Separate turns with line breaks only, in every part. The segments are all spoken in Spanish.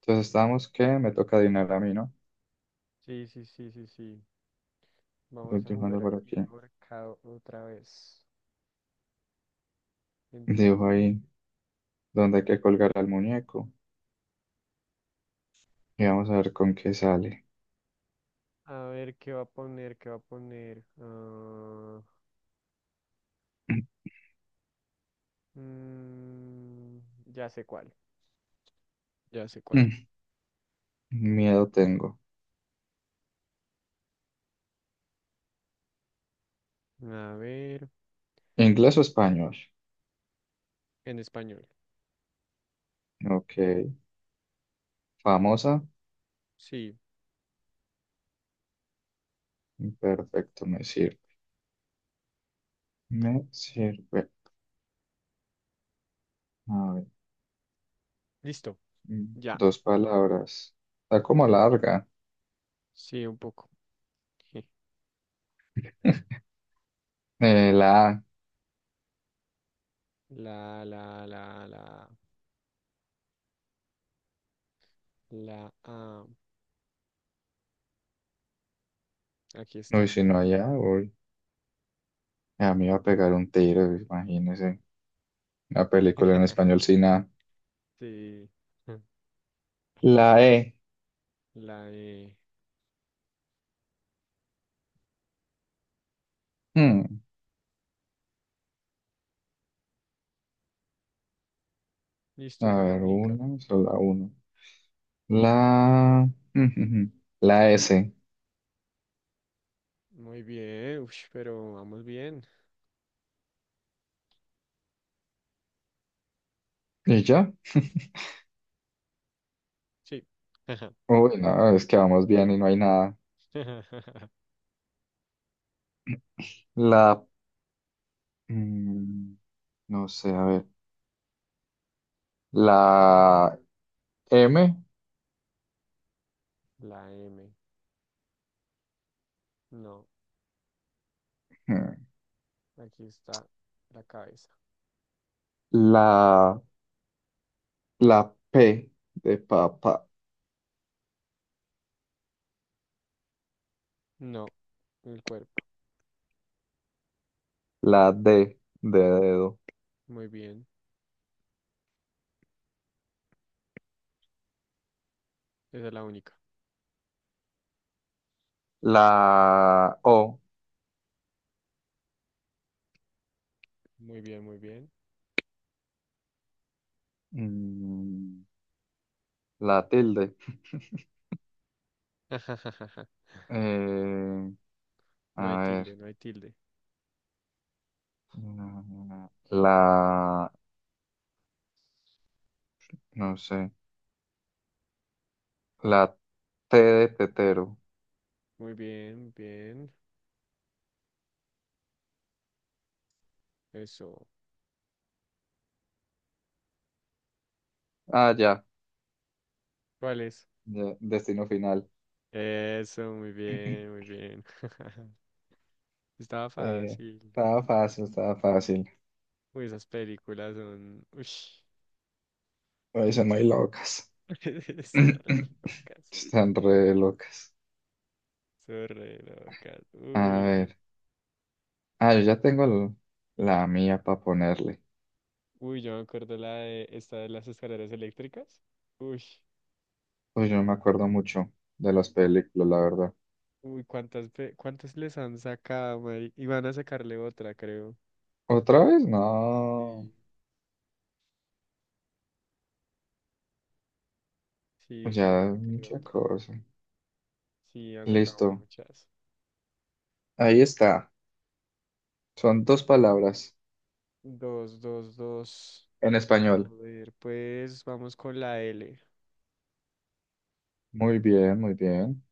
Entonces estábamos que me toca adivinar a mí, ¿no?
Sí, sí, sí, sí, sí.
Voy
Vamos a jugar
dibujando por
aquí
aquí.
ahorcado otra vez. Entonces,
Dibujo ahí donde hay que colgar al muñeco. Y vamos a ver con qué sale.
a ver qué va a poner, qué va a poner. Ah, mm, ya sé cuál, ya sé cuál.
Miedo tengo.
A ver,
¿Inglés o español?
en español.
Ok. Famosa.
Sí,
Perfecto, me sirve. Me sirve. A ver.
listo, ya.
Dos palabras. Está como larga.
Sí, un poco.
La A.
La, la, la, la, la, ah, aquí
Uy,
está.
si no allá, uy. A mí va a pegar un tiro, imagínese. Una película en español sin A.
Sí,
La E.
la E.
Hmm. A
Listo, esa es la
ver,
única.
una, solo una. La, la S.
Muy bien, ush, pero vamos bien.
¿Y ya?
Sí.
Uy, no, es que vamos bien y no hay nada. La, mm, no sé, a ver. La M.
La M. No.
Mm.
Aquí está la cabeza.
La, la P de papá.
No. El cuerpo.
La D de dedo.
Muy bien. Esa es la única.
La O.
Muy bien, muy bien.
Mm, la tilde. Eh,
No hay
a ver.
tilde, no hay tilde.
La, la- no sé. La T de tetero.
Muy bien, bien. Eso.
Ah, ya.
¿Cuál es?
Ya, Destino final.
Eso, muy bien, muy bien. Estaba
Eh,
fácil.
estaba fácil, estaba fácil.
Uy, esas películas son... uy.
Hoy son muy locas.
Son re locas.
Están re locas.
Son re locas.
A
Uy, no.
ver. Ah, yo ya tengo el- la mía para ponerle.
Uy, yo me acuerdo la de esta de las escaleras eléctricas. Uy,
Pues yo no me acuerdo mucho de las películas, la verdad.
uy, cuántas, cuántas les han sacado, y van a sacarle otra, creo.
¿Otra vez? No.
Sí. Sí, sí, van a
Ya,
sacarle
mucha
otra.
cosa.
Sí, han sacado
Listo.
muchas.
Ahí está. Son dos palabras
Dos, dos, dos.
en
A
español.
ver, pues vamos con la L.
Muy bien, muy bien.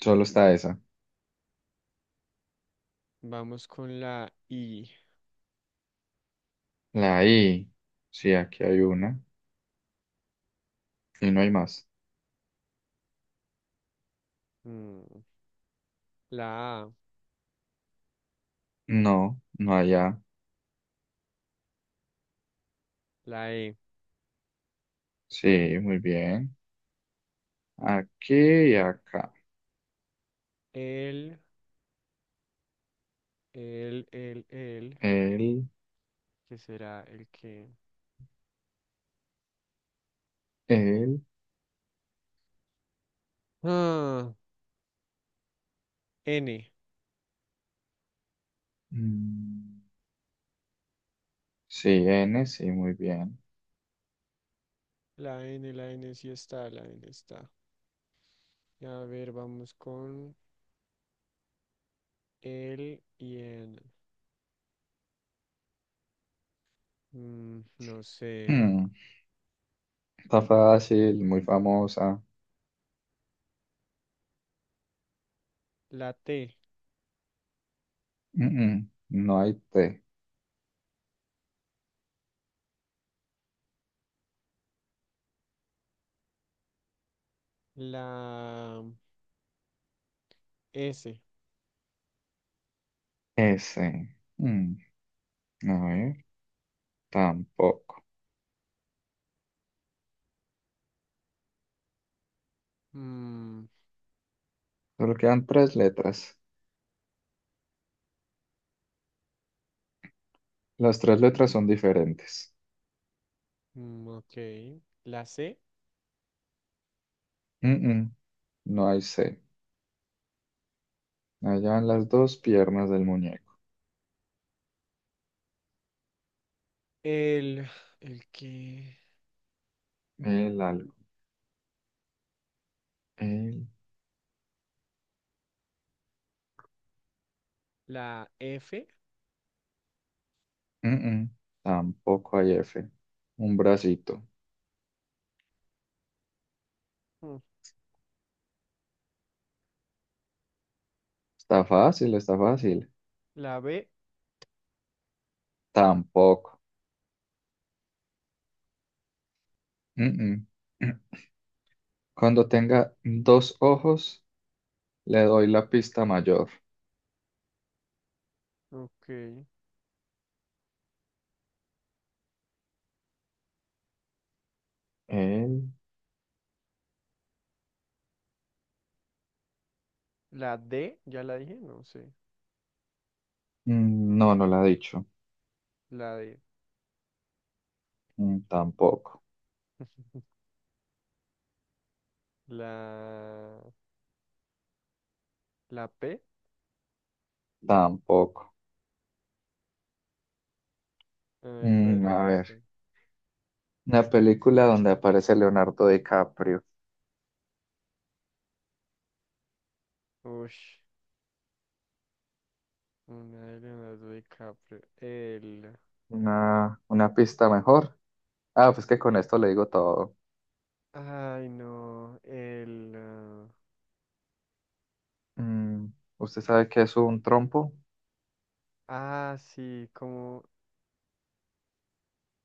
Solo está esa.
Vamos con la I.
La I. Sí, aquí hay una. Y no hay más.
mm, la A,
No, no hay A.
la E.
Sí, muy bien. Aquí y acá.
El, el, el.
El,
¿Qué será el que?
el.
Ah, N.
mm, Sí, N, sí, muy bien.
La N sí está, la N está. A ver, vamos con el y en. No sé.
Mm, Está fácil, muy famosa.
La T,
Mm, mm, No hay T.
la S.
S. Mm, A ver, tampoco.
mm,
Solo quedan tres letras. Las tres letras son diferentes.
ok. La C,
Mm, mm, No hay C. Allá en las dos piernas del muñeco.
el, el que.
El algodón. El,
La F,
mm, mm. Tampoco hay F. Un bracito.
mm,
Está fácil, está fácil.
la B,
Tampoco. Mm, mm. Cuando tenga dos ojos, le doy la pista mayor.
ok.
el,
La D, ya la dije, no sé.
mm, no, no la ha dicho.
La D,
Mm, tampoco.
la, la P.
Tampoco.
A ver, ¿cuál es la
A
pista?
ver. Una película donde aparece Leonardo DiCaprio.
Ush. Una de Leonardo DiCaprio. El.
Una pista mejor. Ah, pues que con esto le digo todo.
Ay, no. El.
Mm, ¿Usted sabe qué es un trompo?
Sí, como.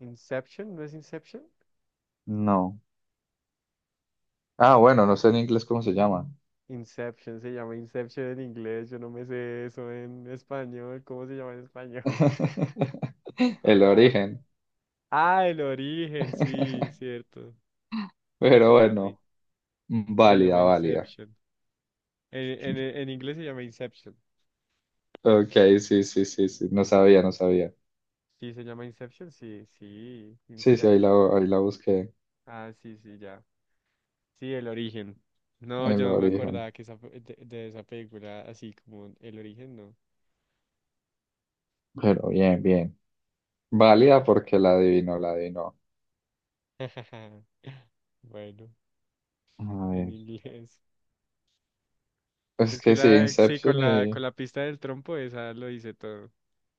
Inception, ¿no es Inception?
No. Ah, bueno, no sé en inglés cómo se llama.
Inception, se llama Inception en inglés. Yo no me sé eso en español. ¿Cómo se llama en español?
El
Ah.
origen.
Ah, el origen, sí, cierto.
Pero
Se llama,
bueno,
se
válida,
llama
válida.
Inception. En, en inglés se llama Inception.
Ok, sí, sí, sí, sí. No sabía, no sabía.
Sí, se llama Inception, sí, sí,
Sí, sí, ahí la,
Inception.
ahí la busqué.
Ah, sí, sí, ya. Sí, el origen. No,
El
yo no me
origen.
acordaba que esa, de esa película, así como el origen, no.
Pero bien, bien. Válida porque la adivinó, la adivinó.
Bueno,
A
en
ver.
inglés.
Es
Es que
que sí,
la, sí,
Inception
con
y...
la pista del trompo, esa lo dice todo.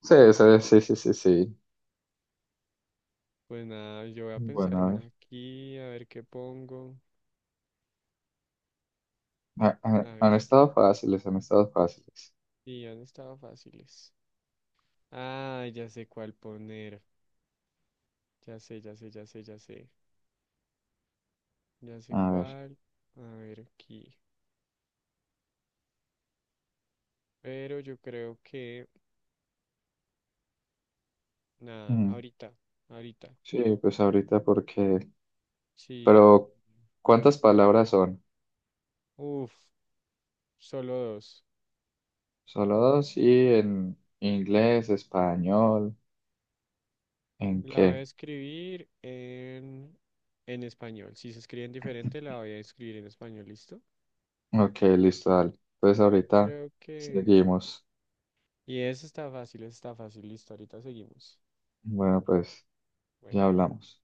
Sí, sí, sí, sí, sí, sí.
Pues nada, yo voy a pensar
Bueno, a ver.
una aquí, a ver qué pongo.
Ah, ah,
A
han
ver, qué.
estado fáciles, han estado fáciles.
Sí, han estado fáciles. Ah, ya sé cuál poner. Ya sé, ya sé, ya sé, ya sé. Ya sé
A ver.
cuál. A ver aquí. Pero yo creo que, nada,
Mm.
ahorita, ahorita.
Sí, pues ahorita porque
Sí,
pero, ¿cuántas palabras son?
uff, solo dos.
Solo dos y en inglés, español, ¿en
La voy a
qué?
escribir en español. Si se escriben diferente, la voy a escribir en español, ¿listo?
Ok, listo, dale. Entonces ahorita
Creo que...
seguimos.
Y eso está fácil, listo, ahorita seguimos.
Bueno, pues
Bueno.
ya hablamos.